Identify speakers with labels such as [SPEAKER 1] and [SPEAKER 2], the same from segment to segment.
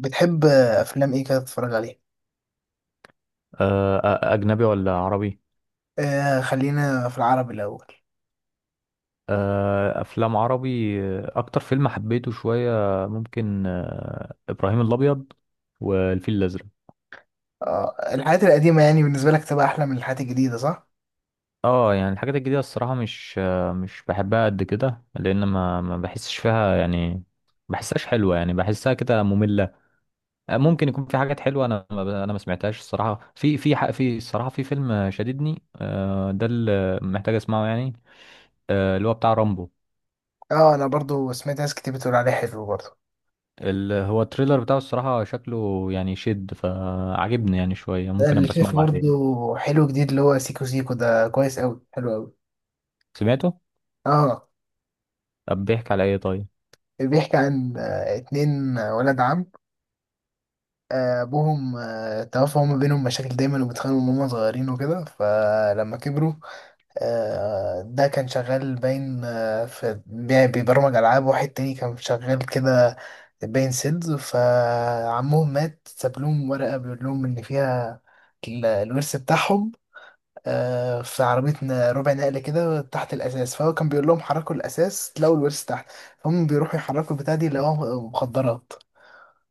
[SPEAKER 1] بتحب افلام ايه كده تتفرج عليها؟
[SPEAKER 2] أجنبي ولا عربي؟
[SPEAKER 1] آه، خلينا في العربي الاول.
[SPEAKER 2] أفلام عربي. أكتر فيلم حبيته شوية ممكن إبراهيم الأبيض والفيل الأزرق.
[SPEAKER 1] آه، الحاجات القديمه يعني بالنسبه لك تبقى احلى من الحاجات الجديده، صح؟
[SPEAKER 2] اه يعني الحاجات الجديدة الصراحة مش بحبها قد كده، لأن ما بحسش فيها يعني، بحسهاش حلوة، يعني بحسها كده مملة. ممكن يكون في حاجات حلوة، أنا ما ب- أنا ما سمعتهاش الصراحة. في الصراحة في فيلم شددني، ده اللي محتاج أسمعه يعني، اللي هو بتاع رامبو.
[SPEAKER 1] اه، انا برضو سمعت ناس كتير بتقول عليه حلو برضو.
[SPEAKER 2] هو التريلر بتاعه الصراحة شكله يعني شد فعجبني يعني شوية،
[SPEAKER 1] ده
[SPEAKER 2] ممكن
[SPEAKER 1] اللي
[SPEAKER 2] أبقى أسمعه
[SPEAKER 1] شايف برضو
[SPEAKER 2] بعدين.
[SPEAKER 1] حلو جديد، اللي هو سيكو سيكو، ده كويس قوي، حلو قوي.
[SPEAKER 2] سمعته؟
[SPEAKER 1] اه،
[SPEAKER 2] طب بيحكي على إيه طيب؟
[SPEAKER 1] بيحكي عن اتنين ولد عم. ابوهم توفى، وما بينهم مشاكل دايما وبيتخانقوا من هما صغيرين وكده، فلما كبروا ده كان شغال باين بيبرمج ألعاب، واحد تاني كان شغال كده باين سيلز. فعمهم مات ساب لهم ورقة بيقول لهم إن فيها الورث بتاعهم. في عربية ربع نقل كده تحت الأساس، فهو كان بيقول لهم حركوا الأساس تلاقوا الورث تحت. فهم بيروحوا يحركوا البتاع دي، لقوها مخدرات.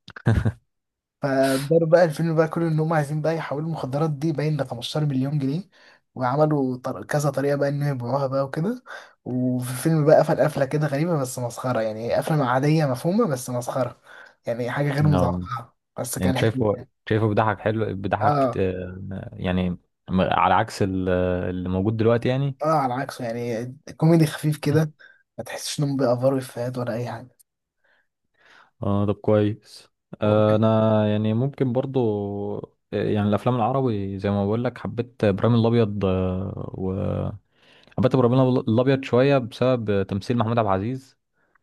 [SPEAKER 1] فداروا بقى الفيلم بقى كله ان هم عايزين بقى يحولوا المخدرات دي باين ل 15 مليون جنيه، وعملوا كذا طريقه بقى انهم يبيعوها بقى وكده. وفي الفيلم بقى قفل قفله كده غريبه بس مسخره، يعني قفله عاديه مفهومه بس مسخره. يعني حاجه غير
[SPEAKER 2] نعم.
[SPEAKER 1] متوقعه بس
[SPEAKER 2] يعني
[SPEAKER 1] كان حلو
[SPEAKER 2] شايفه
[SPEAKER 1] يعني.
[SPEAKER 2] شايفه بيضحك حلو بيضحك،
[SPEAKER 1] اه،
[SPEAKER 2] يعني على عكس اللي موجود دلوقتي يعني.
[SPEAKER 1] اه، على عكسه يعني. كوميدي خفيف كده، ما تحسش انهم بيأفروا افيهات ولا اي حاجه.
[SPEAKER 2] اه طب كويس. انا يعني ممكن برضو، يعني الافلام العربي زي ما بقول لك، حبيت ابراهيم الابيض و حبيت ابراهيم الابيض شويه بسبب تمثيل محمود عبد العزيز،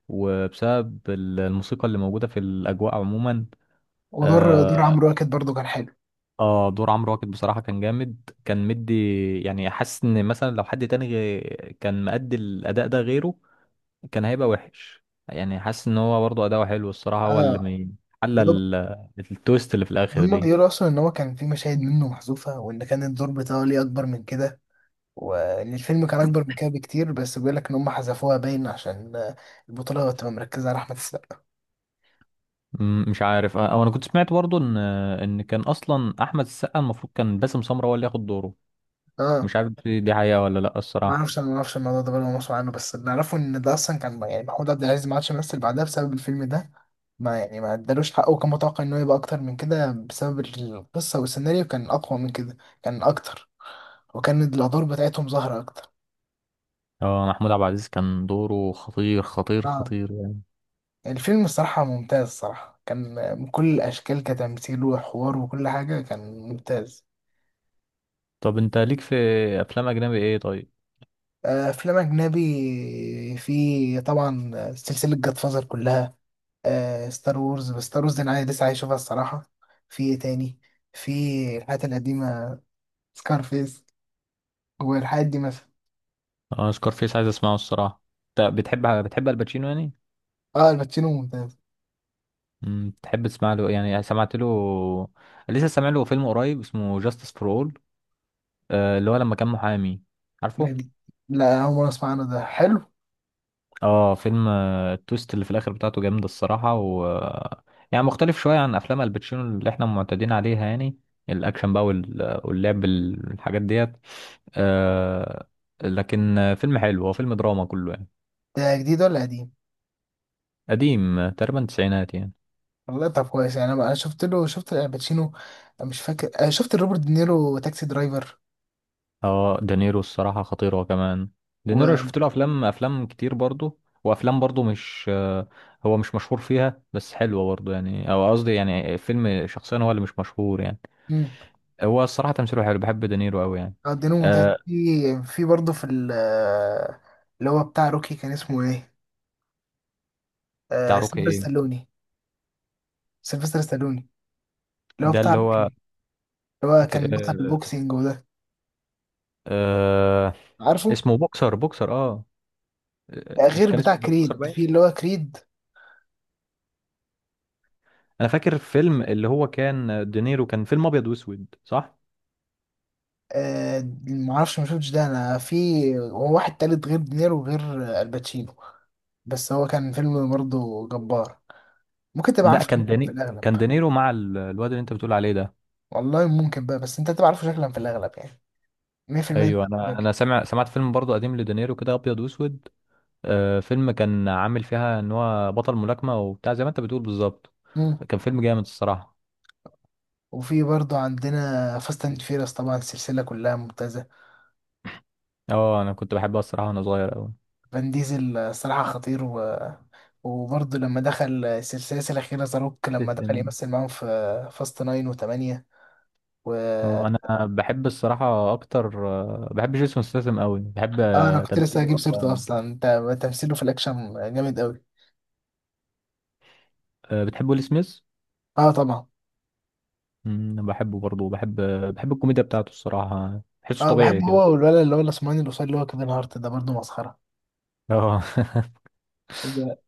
[SPEAKER 2] وبسبب الموسيقى اللي موجودة في الأجواء عموما.
[SPEAKER 1] ودور
[SPEAKER 2] آه,
[SPEAKER 1] عمرو واكد برضو كان حلو.
[SPEAKER 2] آه دور عمرو واكد بصراحة كان جامد، كان مدي، يعني حاسس إن مثلا لو حد تاني كان مأدي الأداء ده غيره كان هيبقى وحش. يعني حاسس إن هو برضه أداؤه حلو الصراحة، هو اللي
[SPEAKER 1] اه،
[SPEAKER 2] حل
[SPEAKER 1] ده
[SPEAKER 2] التويست اللي في الآخر
[SPEAKER 1] هما
[SPEAKER 2] دي.
[SPEAKER 1] بيقولوا اصلا ان هو كان في مشاهد منه محذوفه، وان كان الدور بتاعه ليه اكبر من كده، والفيلم كان اكبر من كده بكتير، بس بيقول لك ان هم حذفوها باين عشان البطوله تبقى مركزه على احمد السقا.
[SPEAKER 2] مم، مش عارف. أو أنا كنت سمعت برضه إن كان أصلا أحمد السقا المفروض كان باسم سمرة هو اللي ياخد دوره،
[SPEAKER 1] اه،
[SPEAKER 2] مش عارف دي حقيقة ولا لأ
[SPEAKER 1] ما
[SPEAKER 2] الصراحة.
[SPEAKER 1] اعرفش، انا ما اعرفش الموضوع ده بقى مسؤول عنه، بس اللي اعرفه ان ده اصلا كان يعني محمود عبد العزيز ما عادش يمثل بعدها بسبب الفيلم ده. ما ادالوش حقه، وكان متوقع انه يبقى اكتر من كده بسبب القصه، والسيناريو كان اقوى من كده، كان اكتر، وكان الادوار بتاعتهم ظاهره اكتر.
[SPEAKER 2] اه محمود عبد العزيز كان دوره خطير خطير
[SPEAKER 1] اه،
[SPEAKER 2] خطير يعني.
[SPEAKER 1] الفيلم الصراحه ممتاز، الصراحه كان من كل الاشكال كتمثيل وحوار وكل حاجه كان ممتاز.
[SPEAKER 2] طب انت ليك في افلام اجنبي ايه طيب؟
[SPEAKER 1] افلام اجنبي في طبعا. سلسله جاد فازر كلها، ستار وورز، بس ستار وورز انا عايز، لسه عايز اشوفها الصراحه. في ايه تاني؟ في الحاجات القديمه، سكارفيس والحاجات دي مثلا.
[SPEAKER 2] اه سكارفيس عايز اسمعه الصراحه. انت بتحب الباتشينو يعني؟
[SPEAKER 1] اه، الباتشينو ممتاز.
[SPEAKER 2] تحب تسمع له يعني؟ سمعت له لسه، سامع له فيلم قريب اسمه جاستس فور اول، اللي هو لما كان محامي، عارفه؟
[SPEAKER 1] جديد. لا، اول مره اسمع عنه، ده حلو.
[SPEAKER 2] اه فيلم، التويست اللي في الاخر بتاعته جامده الصراحه، و يعني مختلف شويه عن افلام الباتشينو اللي احنا معتادين عليها يعني. الاكشن بقى وال- آه، واللعب الحاجات ديت. آه لكن فيلم حلو، هو فيلم دراما كله يعني.
[SPEAKER 1] ده جديد ولا قديم؟
[SPEAKER 2] قديم، تقريبا تسعينات يعني.
[SPEAKER 1] والله طب كويس يعني، انا شفت له، شفت الباتشينو، مش فاكر، شفت روبرت دينيرو تاكسي درايفر.
[SPEAKER 2] اه دانيرو الصراحه خطير هو كمان. دانيرو
[SPEAKER 1] و
[SPEAKER 2] شفت له افلام كتير برضه، وافلام برضه مش آه، هو مش مشهور فيها بس حلوه برضه يعني. او قصدي يعني فيلم شخصيا هو اللي مش مشهور يعني.
[SPEAKER 1] مم.
[SPEAKER 2] هو الصراحة تمثيله حلو، بحب دينيرو قوي يعني.
[SPEAKER 1] اه، الدين الممتاز،
[SPEAKER 2] آه
[SPEAKER 1] في في برضه، في اللي هو بتاع روكي، كان اسمه ايه؟
[SPEAKER 2] بتاع روكي
[SPEAKER 1] سيلفستر
[SPEAKER 2] ايه؟
[SPEAKER 1] ستالوني. سيلفستر ستالوني، اللي هو
[SPEAKER 2] ده
[SPEAKER 1] بتاع
[SPEAKER 2] اللي هو،
[SPEAKER 1] روكي، اللي هو
[SPEAKER 2] في
[SPEAKER 1] كان بطل
[SPEAKER 2] آه
[SPEAKER 1] البوكسينج وده.
[SPEAKER 2] آه
[SPEAKER 1] عارفه؟
[SPEAKER 2] اسمه بوكسر اه.
[SPEAKER 1] لا،
[SPEAKER 2] مش
[SPEAKER 1] غير
[SPEAKER 2] كان اسمه
[SPEAKER 1] بتاع
[SPEAKER 2] بوكسر
[SPEAKER 1] كريد،
[SPEAKER 2] باين؟
[SPEAKER 1] في اللي هو كريد.
[SPEAKER 2] انا فاكر فيلم، اللي هو كان دينيرو كان فيلم ابيض واسود، صح؟
[SPEAKER 1] معرفش، ما شفتش ده، انا في هو واحد تالت غير دينيرو وغير الباتشينو. بس هو كان فيلم برضه جبار، ممكن تبقى
[SPEAKER 2] لا،
[SPEAKER 1] عارفه شكلا
[SPEAKER 2] كان
[SPEAKER 1] في
[SPEAKER 2] داني،
[SPEAKER 1] الاغلب.
[SPEAKER 2] كان دينيرو مع الواد اللي انت بتقول عليه ده.
[SPEAKER 1] والله ممكن بقى، بس انت تبقى عارفه شكلا في الاغلب يعني. 100% انت
[SPEAKER 2] ايوه،
[SPEAKER 1] عارفه
[SPEAKER 2] انا
[SPEAKER 1] شكلاً.
[SPEAKER 2] انا سامع سمعت فيلم برضه قديم لدينيرو كده ابيض واسود. آه فيلم كان عامل فيها ان هو بطل ملاكمة وبتاع، زي ما انت بتقول بالظبط.
[SPEAKER 1] مم.
[SPEAKER 2] كان فيلم جامد الصراحة.
[SPEAKER 1] وفي برضه عندنا فاست اند فيرس، طبعا السلسلة كلها ممتازة.
[SPEAKER 2] اه انا كنت بحبها الصراحة وانا صغير قوي.
[SPEAKER 1] فان ديزل صراحة خطير، و وبرضه لما دخل السلسلة الأخيرة زاروك لما دخل
[SPEAKER 2] ستيسم.
[SPEAKER 1] يمثل معاهم في فاست ناين وتمانية. و
[SPEAKER 2] اه انا بحب الصراحه اكتر، بحب جيسون ستاثام قوي، بحب
[SPEAKER 1] اه، أنا كنت لسه
[SPEAKER 2] تمثيله
[SPEAKER 1] هجيب سيرته
[SPEAKER 2] وافلامه.
[SPEAKER 1] أصلا، انت تمثيله في الأكشن جامد أوي.
[SPEAKER 2] بتحب ويل سميث؟
[SPEAKER 1] اه، طبعا.
[SPEAKER 2] أمم، بحبه برضه، بحب الكوميديا بتاعته الصراحه، بحسه
[SPEAKER 1] اه، بحب
[SPEAKER 2] طبيعي
[SPEAKER 1] هو
[SPEAKER 2] كده.
[SPEAKER 1] والولد اللي هو الأسمراني القصير اللي هو كيفن هارت ده برضه مسخرة.
[SPEAKER 2] اه.
[SPEAKER 1] ده-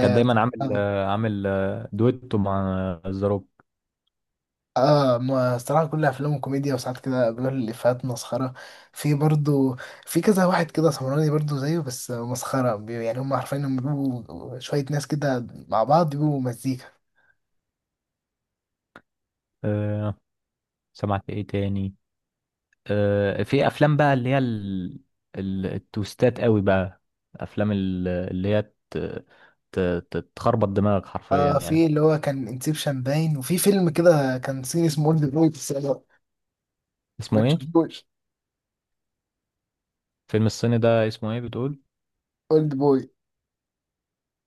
[SPEAKER 2] كان دايما عامل
[SPEAKER 1] آه
[SPEAKER 2] دويتو مع ذا روك.
[SPEAKER 1] اه، ما الصراحة كل افلامه كوميديا، وساعات كده بيقول الافيهات مسخرة. في برضو، في كذا واحد كده سمراني برضو زيه بس مسخرة، يعني هم عارفين انهم بيبقوا شوية ناس كده مع بعض بيبقوا مزيكا.
[SPEAKER 2] آه، سمعت ايه تاني؟ في افلام بقى اللي هي التويستات قوي بقى، افلام اللي هي ت- ت- تخربط دماغك حرفيا
[SPEAKER 1] اه،
[SPEAKER 2] يعني.
[SPEAKER 1] في اللي هو كان انسبشن باين، وفي فيلم كده كان صيني اسمه اولد بوي، بس أنا ما
[SPEAKER 2] اسمه ايه؟
[SPEAKER 1] تشوفوش.
[SPEAKER 2] فيلم الصيني ده اسمه ايه بتقول؟
[SPEAKER 1] اولد بوي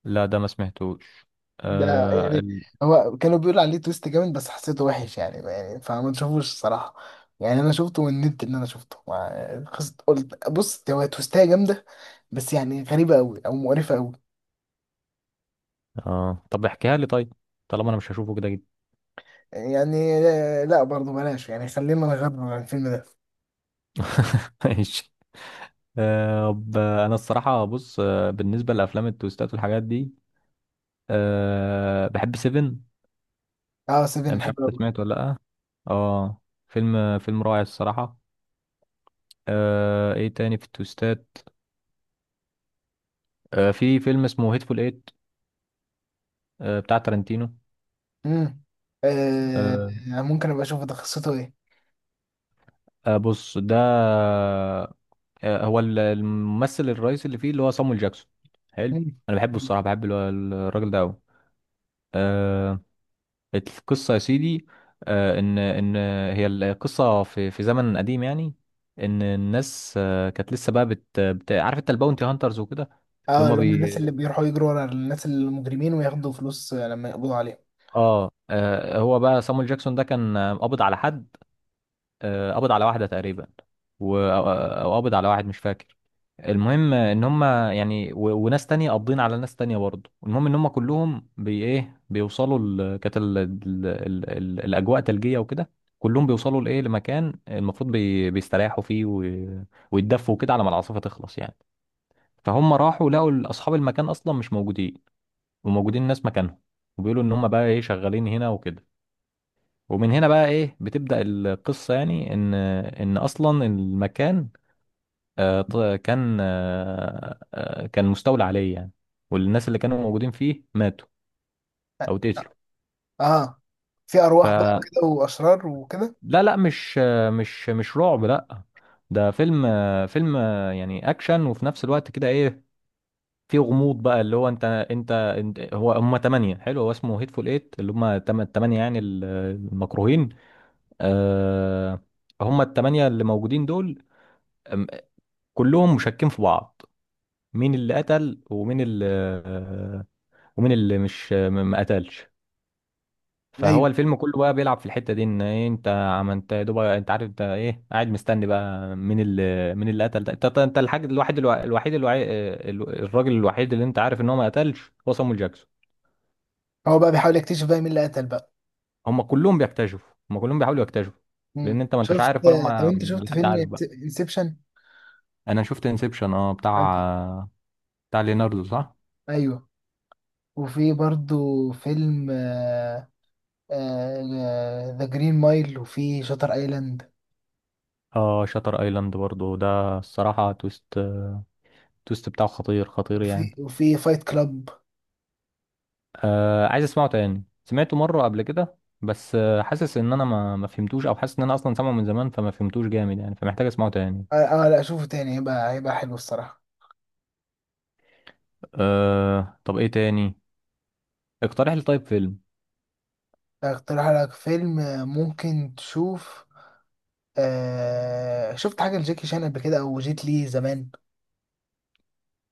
[SPEAKER 2] لا ده ما سمعتوش.
[SPEAKER 1] ده
[SPEAKER 2] آه
[SPEAKER 1] يعني
[SPEAKER 2] ال...
[SPEAKER 1] هو كانوا بيقولوا عليه تويست جامد، بس حسيته وحش يعني، فما تشوفوش الصراحة. يعني انا شفته من النت، ان انا شفته خست قلت بص هو تويستاية جامدة، بس يعني غريبة قوي او مقرفة قوي.
[SPEAKER 2] آه طب احكيها لي طيب، طالما انا مش هشوفه كده جدا.
[SPEAKER 1] يعني، لا برضه بلاش يعني، خلينا نغير عن الفيلم ده.
[SPEAKER 2] ماشي. انا الصراحة بص، آه بالنسبة لافلام التويستات والحاجات دي، آه بحب سيفن.
[SPEAKER 1] اه، سيفن
[SPEAKER 2] مش
[SPEAKER 1] حلو
[SPEAKER 2] عارف انت
[SPEAKER 1] قوي.
[SPEAKER 2] سمعته ولا لا. اه فيلم، فيلم رائع الصراحة. آه ايه تاني في التويستات؟ آه في فيلم اسمه هيتفول ايت، آه بتاع تارانتينو.
[SPEAKER 1] امم آه
[SPEAKER 2] آه.
[SPEAKER 1] ممكن ابقى اشوف ده قصته ايه؟
[SPEAKER 2] آه بص ده، هو الممثل الرئيسي اللي فيه اللي هو صامويل جاكسون، حلو.
[SPEAKER 1] مم.
[SPEAKER 2] انا بحبه الصراحه، بحب الراجل ده قوي. آه القصه يا سيدي، آه ان ان هي القصه، في في زمن قديم يعني، ان الناس آه كانت لسه بقى بت, بت عارف انت الباونتي هانترز وكده. اللي
[SPEAKER 1] اه،
[SPEAKER 2] هم
[SPEAKER 1] اللي هم الناس
[SPEAKER 2] بي،
[SPEAKER 1] اللي بيروحوا يجروا ورا الناس المجرمين، وياخدوا فلوس لما يقبضوا عليهم.
[SPEAKER 2] اه هو بقى صامويل جاكسون ده كان قابض على حد، آه قابض على واحده تقريبا، و او قابض على واحد مش فاكر. المهم ان هم يعني، وناس تانية قابضين على ناس تانية برضه. المهم ان هم كلهم بي ايه بيوصلوا كانت الاجواء ثلجية وكده، كلهم بيوصلوا لايه، لمكان المفروض بيستريحوا فيه ويتدفوا كده على ما العاصفة تخلص يعني. فهم راحوا لقوا اصحاب المكان اصلا مش موجودين، وموجودين ناس مكانهم، وبيقولوا ان هم بقى ايه شغالين هنا وكده. ومن هنا بقى ايه بتبدأ القصة يعني، ان اصلا المكان، آه، ط- كان آه، آه، كان مستولى عليه يعني، والناس اللي كانوا موجودين فيه ماتوا او اتقتلوا.
[SPEAKER 1] اه، في
[SPEAKER 2] ف
[SPEAKER 1] ارواح بقى وكده، واشرار وكده؟
[SPEAKER 2] لا لا مش آه، مش مش رعب لا، ده فيلم يعني اكشن، وفي نفس الوقت كده ايه، في غموض بقى. اللي هو انت انت, انت هو هم تمانية، حلو، هو اسمه هيتفول ايت اللي هم التمانية يعني المكروهين. آه، هم التمانية اللي موجودين دول، أم- كلهم مشكين في بعض، مين اللي قتل ومين اللي، ومين اللي مش م- ما قتلش.
[SPEAKER 1] ايوه،
[SPEAKER 2] فهو الفيلم كله بقى بيلعب في الحتة دي، ان إيه انت عملت، يا دوب انت عارف انت ايه، قاعد مستني بقى مين اللي قتل ده، انت انت الحاج الوحيد الوحيد الراجل الوحيد اللي انت عارف ان هو ما قتلش هو صامويل جاكسون.
[SPEAKER 1] هو بقى بيحاول يكتشف بقى مين اللي قتل بقى.
[SPEAKER 2] هم كلهم بيكتشفوا، هم كلهم بيحاولوا يكتشفوا،
[SPEAKER 1] مم.
[SPEAKER 2] لان انت ما انتش
[SPEAKER 1] شفت.
[SPEAKER 2] عارف ولا هم
[SPEAKER 1] طب انت
[SPEAKER 2] ولا
[SPEAKER 1] شفت
[SPEAKER 2] حد
[SPEAKER 1] فيلم
[SPEAKER 2] عارف بقى.
[SPEAKER 1] انسبشن؟
[SPEAKER 2] انا شفت انسبشن اه، بتاع ليناردو صح.
[SPEAKER 1] ايوه. وفي برضو فيلم ذا جرين مايل، وفي شاتر ايلاند.
[SPEAKER 2] اه شاتر ايلاند برضو ده الصراحة تويست، تويست بتاعه خطير خطير يعني.
[SPEAKER 1] وفي فايت كلاب.
[SPEAKER 2] آه عايز اسمعه تاني، سمعته مرة قبل كده بس آه حاسس ان انا ما فهمتوش، او حاسس ان انا اصلا سامعه من زمان فما فهمتوش جامد يعني، فمحتاج اسمعه تاني.
[SPEAKER 1] اه، لا اشوفه تاني، هيبقى حلو الصراحة.
[SPEAKER 2] آه طب ايه تاني، اقترح لي طيب فيلم.
[SPEAKER 1] اقترح لك فيلم ممكن تشوف. شفت حاجة لجاكي شان قبل كده، او جيت لي زمان؟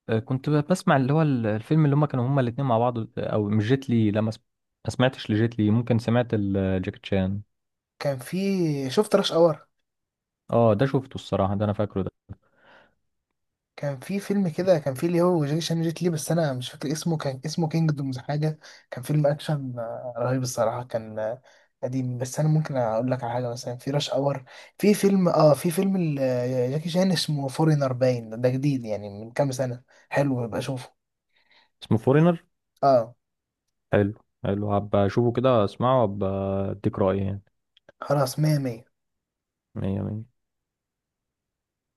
[SPEAKER 2] كنت بسمع اللي هو الفيلم اللي هما كانوا هما الاتنين مع بعض، او مش جيت لي لا ما سمعتش لجيت لي، ممكن سمعت جاكيت شان.
[SPEAKER 1] كان في، شفت رش اور.
[SPEAKER 2] اه ده شفته الصراحة ده انا فاكره ده.
[SPEAKER 1] كان في فيلم كده كان فيه اللي هو جاكي جيت لي، بس انا مش فاكر اسمه، كان اسمه كينجدومز حاجه. كان فيلم اكشن رهيب الصراحه، كان قديم، بس انا ممكن اقول لك على حاجه، مثلا في راش اور. في فيلم جاكي شان اسمه فورينر باين، ده جديد يعني من كام سنه، حلو ببقى اشوفه.
[SPEAKER 2] اسمه فورينر؟
[SPEAKER 1] اه،
[SPEAKER 2] حلو، حلو هبقى اشوفه كده، اسمعه وابقى اديك رأيي يعني.
[SPEAKER 1] خلاص، مية مية.
[SPEAKER 2] مية مية.